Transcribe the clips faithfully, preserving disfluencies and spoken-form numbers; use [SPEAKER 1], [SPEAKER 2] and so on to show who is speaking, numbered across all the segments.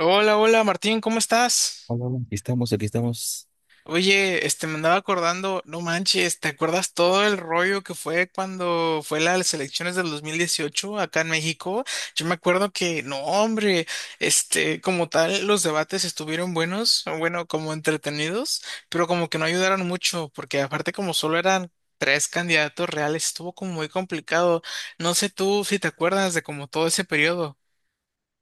[SPEAKER 1] Hola, hola Martín, ¿cómo estás?
[SPEAKER 2] Hola, hola. Aquí estamos, aquí estamos.
[SPEAKER 1] Oye, este me andaba acordando, no manches, ¿te acuerdas todo el rollo que fue cuando fue las elecciones del dos mil dieciocho acá en México? Yo me acuerdo que, no, hombre, este, como tal, los debates estuvieron buenos, bueno, como entretenidos, pero como que no ayudaron mucho, porque aparte como solo eran tres candidatos reales, estuvo como muy complicado. No sé tú si te acuerdas de como todo ese periodo.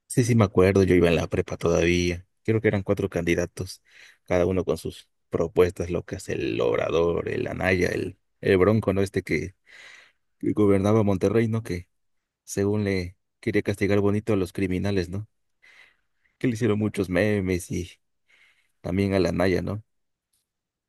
[SPEAKER 2] Sí, sí, me acuerdo, yo iba en la prepa todavía. Creo que eran cuatro candidatos, cada uno con sus propuestas locas, el Obrador, el Anaya, el, el Bronco, ¿no? Este que, que gobernaba Monterrey, ¿no? Que según le quería castigar bonito a los criminales, ¿no? Que le hicieron muchos memes y también al Anaya, ¿no?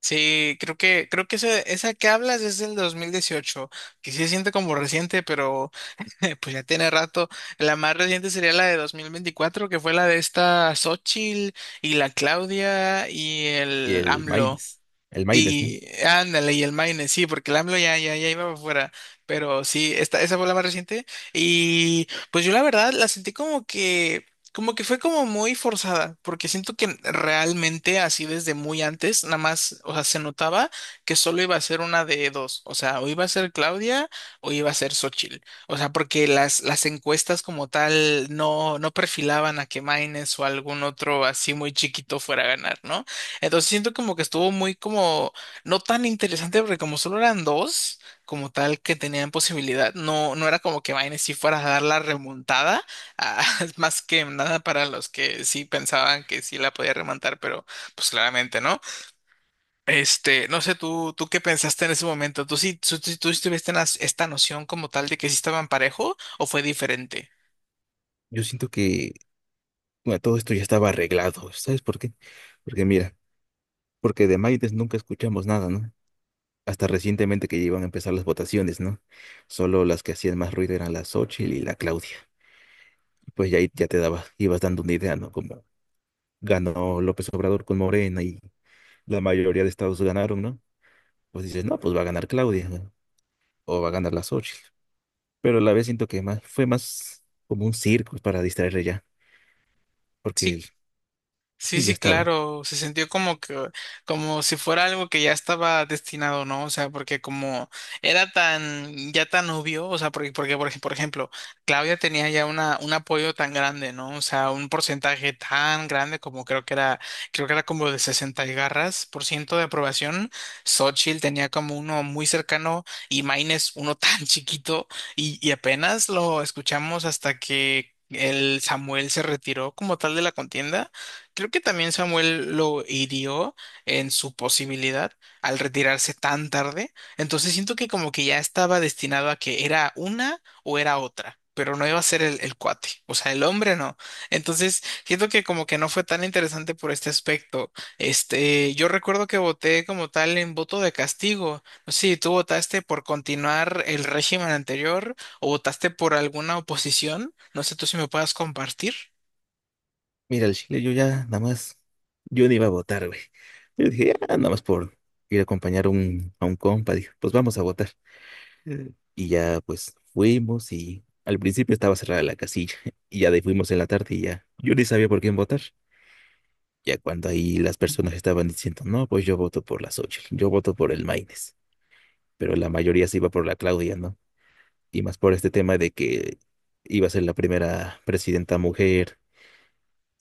[SPEAKER 1] Sí, creo que, creo que esa, esa que hablas es del dos mil dieciocho, que sí se siente como reciente, pero pues ya tiene rato. La más reciente sería la de dos mil veinticuatro, que fue la de esta Xochitl y la Claudia y
[SPEAKER 2] Y
[SPEAKER 1] el
[SPEAKER 2] el
[SPEAKER 1] AMLO.
[SPEAKER 2] Maines, el Maines, ¿no?
[SPEAKER 1] Y ándale, y el Maine, sí, porque el AMLO ya, ya, ya iba para afuera, pero sí, esta, esa fue la más reciente. Y pues yo la verdad la sentí como que, como que fue como muy forzada, porque siento que realmente así desde muy antes, nada más, o sea, se notaba que solo iba a ser una de dos, o sea, o iba a ser Claudia o iba a ser Xochitl, o sea, porque las, las encuestas como tal no, no perfilaban a que Maines o algún otro así muy chiquito fuera a ganar, ¿no? Entonces siento como que estuvo muy como, no tan interesante porque como solo eran dos, como tal que tenían posibilidad, no, no era como que Vine si fuera a dar la remontada, ah, más que nada para los que sí pensaban que sí la podía remontar, pero pues claramente no. Este, no sé, tú, tú qué pensaste en ese momento, tú sí, tú, tú, tú sí tuviste una- esta noción como tal de que sí estaban parejo o fue diferente.
[SPEAKER 2] Yo siento que, bueno, todo esto ya estaba arreglado, ¿sabes por qué? Porque mira, porque de Maines nunca escuchamos nada, ¿no? Hasta recientemente que ya iban a empezar las votaciones, ¿no? Solo las que hacían más ruido eran la Xochitl y la Claudia. Pues ya, ahí ya te daba, ibas dando una idea, ¿no? Como ganó López Obrador con Morena y la mayoría de estados ganaron, ¿no? Pues dices, no, pues va a ganar Claudia, ¿no? O va a ganar la Xochitl. Pero a la vez siento que más, fue más como un circo para distraerle ya, porque
[SPEAKER 1] Sí,
[SPEAKER 2] el-
[SPEAKER 1] sí,
[SPEAKER 2] sí, ya
[SPEAKER 1] sí,
[SPEAKER 2] estaba.
[SPEAKER 1] claro, se sintió como que, como si fuera algo que ya estaba destinado, ¿no? O sea, porque como era tan, ya tan obvio, o sea, porque, porque por ej- por ejemplo, Claudia tenía ya una, un apoyo tan grande, ¿no? O sea, un porcentaje tan grande como creo que era, creo que era como de sesenta y garras por ciento de aprobación. Xochitl tenía como uno muy cercano y Maines uno tan chiquito y, y apenas lo escuchamos hasta que el Samuel se retiró como tal de la contienda. Creo que también Samuel lo hirió en su posibilidad al retirarse tan tarde. Entonces siento que como que ya estaba destinado a que era una o era otra, pero no iba a ser el, el cuate, o sea, el hombre no. Entonces siento que como que no fue tan interesante por este aspecto. Este, yo recuerdo que voté como tal en voto de castigo. No sé si tú votaste por continuar el régimen anterior o votaste por alguna oposición. No sé tú si me puedas compartir.
[SPEAKER 2] Mira, el Chile yo ya nada más, yo no iba a votar, güey. Yo dije, ya, nada más por ir a acompañar a un, a un compa, dije, pues vamos a votar. Eh. Y ya pues fuimos y al principio estaba cerrada la casilla y ya de ahí fuimos en la tarde y ya yo ni sabía por quién votar. Ya cuando ahí las personas estaban diciendo, no, pues yo voto por la Xochitl, yo voto por el Maines, pero la mayoría se iba por la Claudia, ¿no? Y más por este tema de que iba a ser la primera presidenta mujer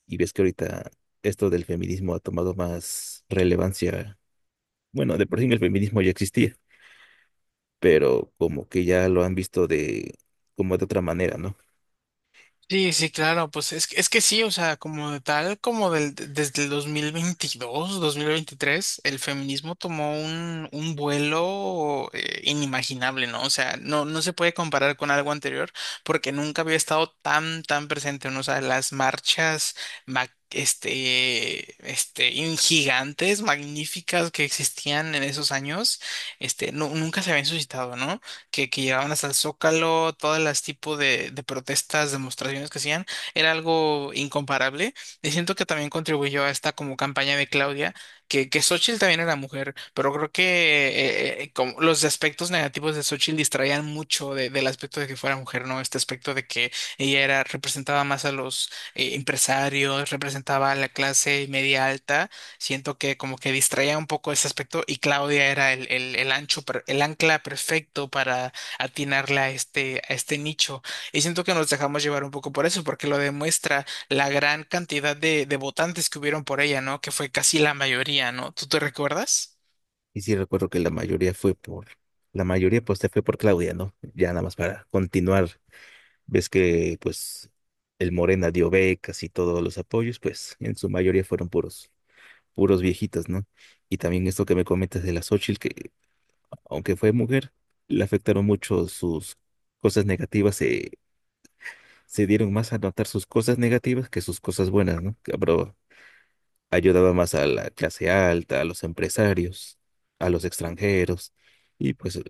[SPEAKER 2] y ves que ahorita esto del feminismo ha tomado más relevancia. Bueno, de por sí el feminismo ya existía, pero como que ya lo han visto de como de otra manera, ¿no?
[SPEAKER 1] Sí, sí, claro, pues es, que- es que sí, o sea, como de tal, como del, de- desde el dos mil veintidós, dos mil veintitrés, el feminismo tomó un, un vuelo eh, inimaginable, ¿no? O sea, no, no se puede comparar con algo anterior porque nunca había estado tan, tan presente, ¿no? O sea, las marchas, ma- este, este, in- gigantes, magníficas que existían en esos años, este, nu- nunca se habían suscitado, ¿no? Que, que llegaban hasta el Zócalo, todas las tipos de, de protestas, demostraciones que hacían, era algo incomparable. Y siento que también contribuyó a esta como campaña de Claudia, que, que Xóchitl también era mujer, pero creo que eh, eh, como los aspectos negativos de Xochitl distraían mucho de- del aspecto de que fuera mujer, ¿no? Este aspecto de que ella era, representaba más a los eh, empresarios, representaba a la clase media alta. Siento que como que distraía un poco ese aspecto y Claudia era el, el, el ancho, per- el ancla perfecto para atinarla a este, a este nicho. Y siento que nos dejamos llevar un poco por eso, porque lo demuestra la gran cantidad de, de votantes que hubieron por ella, ¿no? Que fue casi la mayoría, ¿no? ¿Tú te recuerdas?
[SPEAKER 2] Y sí recuerdo que la mayoría fue por, la mayoría pues se fue por Claudia, ¿no? Ya nada más para continuar. Ves que pues el Morena dio becas y todos los apoyos, pues en su mayoría fueron puros, puros viejitas, ¿no? Y también esto que me comentas de la Xochitl, que aunque fue mujer, le afectaron mucho sus cosas negativas, se, se dieron más a notar sus cosas negativas que sus cosas buenas, ¿no? Que, pero ayudaba más a la clase alta, a los empresarios, a los extranjeros, y pues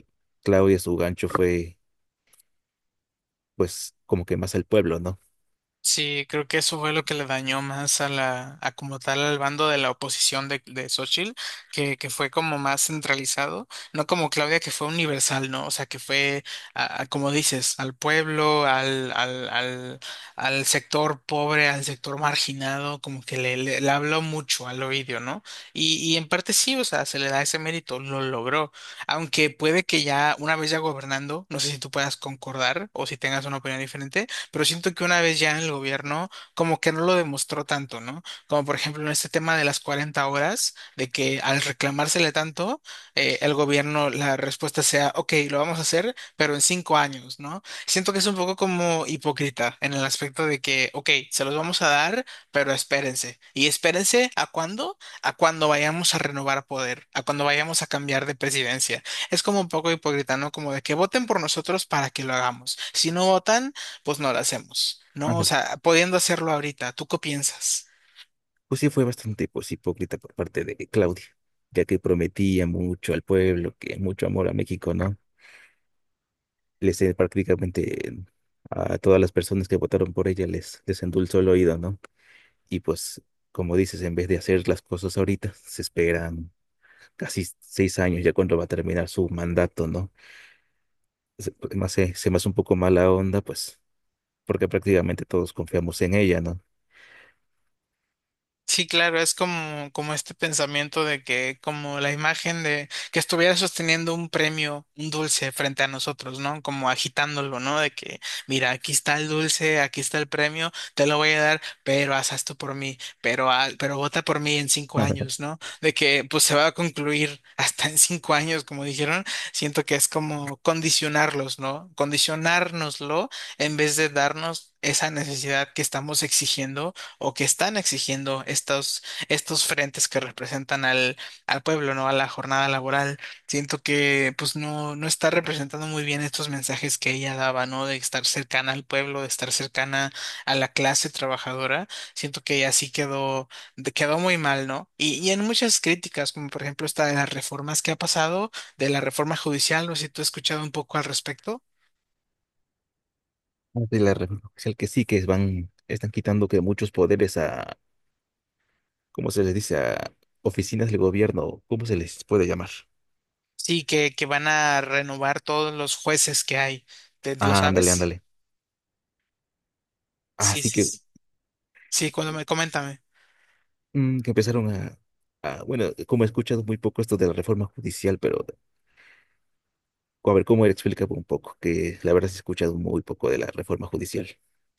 [SPEAKER 2] Claudia su gancho fue pues como que más al pueblo, ¿no?
[SPEAKER 1] Sí, creo que eso fue lo que le dañó más a la, a como tal al bando de la oposición de, de Xochitl, que, que fue como más centralizado, no como Claudia que fue universal, ¿no? O sea, que fue, a- a- como dices, al pueblo, al, al, al, al sector pobre, al sector marginado, como que le, le, le habló mucho al oído, ¿no? Y, y en parte sí, o sea, se le da ese mérito, lo logró, aunque puede que ya una vez ya gobernando, no sé si tú puedas concordar o si tengas una opinión diferente, pero siento que una vez ya en el gobierno, como que no lo demostró tanto, ¿no? Como por ejemplo en este tema de las cuarenta horas, de que al reclamársele tanto, eh, el gobierno, la respuesta sea: ok, lo vamos a hacer, pero en cinco años, ¿no? Siento que es un poco como hipócrita en el aspecto de que, ok, se los vamos a dar, pero espérense. ¿Y espérense a cuándo? A cuando vayamos a renovar poder, a cuando vayamos a cambiar de presidencia. Es como un poco hipócrita, ¿no? Como de que voten por nosotros para que lo hagamos. Si no votan, pues no la hacemos, ¿no? O
[SPEAKER 2] Ándale.
[SPEAKER 1] sea, pudiendo hacerlo ahorita, ¿tú qué piensas?
[SPEAKER 2] Pues sí fue bastante pues hipócrita por parte de Claudia, ya que prometía mucho al pueblo, que mucho amor a México, ¿no? Les eh, prácticamente a todas las personas que votaron por ella les, les endulzó el oído, ¿no? Y pues como dices, en vez de hacer las cosas ahorita, se esperan casi seis años ya cuando va a terminar su mandato, ¿no? Se- pues, no sé, se me hace un poco mala onda, pues, porque prácticamente todos confiamos en ella, ¿no?
[SPEAKER 1] Sí, claro, es como, como este pensamiento de que, como la imagen de que estuviera sosteniendo un premio, un dulce frente a nosotros, ¿no? Como agitándolo, ¿no? De que, mira, aquí está el dulce, aquí está el premio, te lo voy a dar, pero haz esto por mí, pero, haz- pero vota por mí en cinco años, ¿no? De que, pues se va a concluir hasta en cinco años, como dijeron. Siento que es como condicionarlos, ¿no? Condicionárnoslo en vez de darnos esa necesidad que estamos exigiendo o que están exigiendo estos, estos frentes que representan al, al pueblo, ¿no? A la jornada laboral. Siento que pues no, no está representando muy bien estos mensajes que ella daba, ¿no? De estar cercana al pueblo, de estar cercana a la clase trabajadora. Siento que ella sí quedó, de- quedó muy mal, ¿no? Y, y en muchas críticas, como por ejemplo esta de las reformas que ha pasado, de la reforma judicial, no sé si tú has escuchado un poco al respecto.
[SPEAKER 2] De la República Oficial que sí, que van, están quitando que muchos poderes a, ¿cómo se les dice? A oficinas del gobierno, ¿cómo se les puede llamar?
[SPEAKER 1] Sí, que, que van a renovar todos los jueces que hay. ¿Te- ¿Lo
[SPEAKER 2] Ah, ándale,
[SPEAKER 1] sabes?
[SPEAKER 2] ándale.
[SPEAKER 1] Sí,
[SPEAKER 2] Así
[SPEAKER 1] sí,
[SPEAKER 2] que,
[SPEAKER 1] sí. Sí, cuando me, coméntame.
[SPEAKER 2] mm, que empezaron a, a- bueno, como he escuchado muy poco esto de la reforma judicial, pero a ver, ¿cómo explica un poco? Que la verdad sí he escuchado muy poco de la reforma judicial.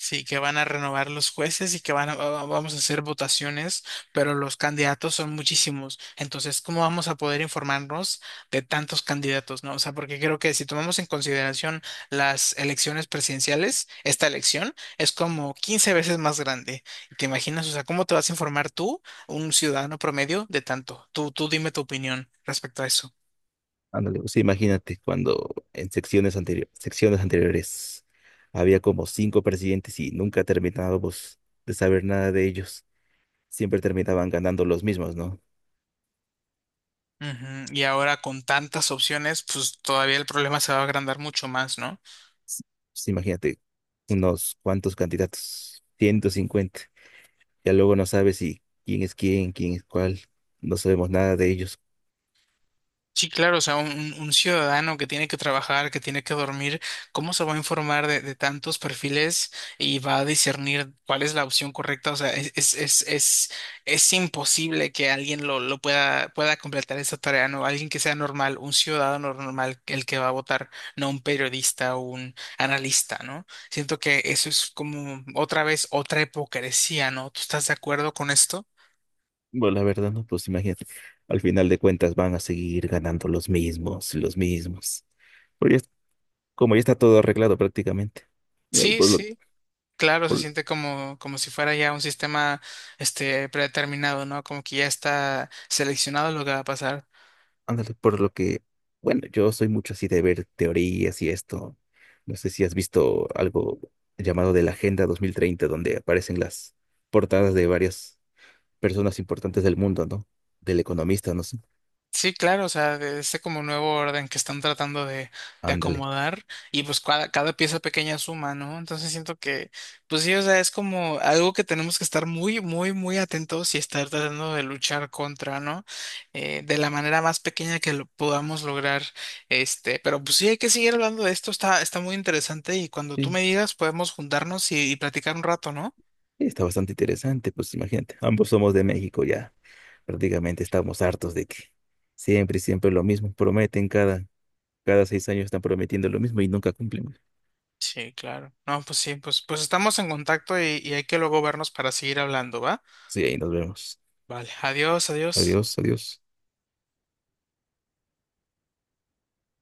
[SPEAKER 1] Sí, que van a renovar los jueces y que van a, va- vamos a hacer votaciones, pero los candidatos son muchísimos. Entonces, ¿cómo vamos a poder informarnos de tantos candidatos, no? O sea, porque creo que si tomamos en consideración las elecciones presidenciales, esta elección es como quince veces más grande. ¿Te imaginas? O sea, ¿cómo te vas a informar tú, un ciudadano promedio, de tanto? Tú, tú dime tu opinión respecto a eso.
[SPEAKER 2] Ándale, pues sí, imagínate cuando en secciones anteriores, secciones anteriores había como cinco presidentes y nunca terminábamos de saber nada de ellos. Siempre terminaban ganando los mismos, ¿no?
[SPEAKER 1] Ujú, Y ahora con tantas opciones, pues todavía el problema se va a agrandar mucho más, ¿no?
[SPEAKER 2] S- Pues imagínate unos cuantos candidatos, ciento cincuenta. Ya luego no sabes si quién es quién, quién es cuál. No sabemos nada de ellos.
[SPEAKER 1] Sí, claro, o sea, un, un ciudadano que tiene que trabajar, que tiene que dormir, ¿cómo se va a informar de, de tantos perfiles y va a discernir cuál es la opción correcta? O sea, es, es, es, es, es imposible que alguien lo, lo pueda, pueda completar esa tarea, ¿no? Alguien que sea normal, un ciudadano normal, el que va a votar, no un periodista o un analista, ¿no? Siento que eso es como otra vez otra hipocresía, ¿no? ¿Tú estás de acuerdo con esto?
[SPEAKER 2] Bueno, la verdad, ¿no? Pues imagínate, al final de cuentas van a seguir ganando los mismos, los mismos. Pero ya- como ya está todo arreglado prácticamente. Mira,
[SPEAKER 1] Sí,
[SPEAKER 2] Por lo,
[SPEAKER 1] sí. Claro, se
[SPEAKER 2] Por,
[SPEAKER 1] siente como, como si fuera ya un sistema este predeterminado, ¿no? Como que ya está seleccionado lo que va a pasar.
[SPEAKER 2] ándale, por lo que, bueno, yo soy mucho así de ver teorías y esto. No sé si has visto algo llamado de la Agenda dos mil treinta, donde aparecen las portadas de varias personas importantes del mundo, ¿no? Del economista, no sé.
[SPEAKER 1] Sí, claro, o sea, de este como nuevo orden que están tratando de, de
[SPEAKER 2] Ándale.
[SPEAKER 1] acomodar, y pues cada, cada pieza pequeña suma, ¿no? Entonces siento que, pues sí, o sea, es como algo que tenemos que estar muy, muy, muy atentos y estar tratando de luchar contra, ¿no? Eh, de la manera más pequeña que lo podamos lograr, este, pero pues sí, hay que seguir hablando de esto, está, está muy interesante, y cuando tú me
[SPEAKER 2] Sí,
[SPEAKER 1] digas podemos juntarnos y, y platicar un rato, ¿no?
[SPEAKER 2] está bastante interesante, pues imagínate. Ambos somos de México ya. Prácticamente estamos hartos de que siempre, siempre lo mismo. Prometen cada, cada seis años están prometiendo lo mismo y nunca cumplen.
[SPEAKER 1] Sí, claro. No, pues sí, pues, pues estamos en contacto y, y hay que luego vernos para seguir hablando, ¿va?
[SPEAKER 2] Sí, ahí nos vemos.
[SPEAKER 1] Vale, adiós, adiós.
[SPEAKER 2] Adiós, adiós.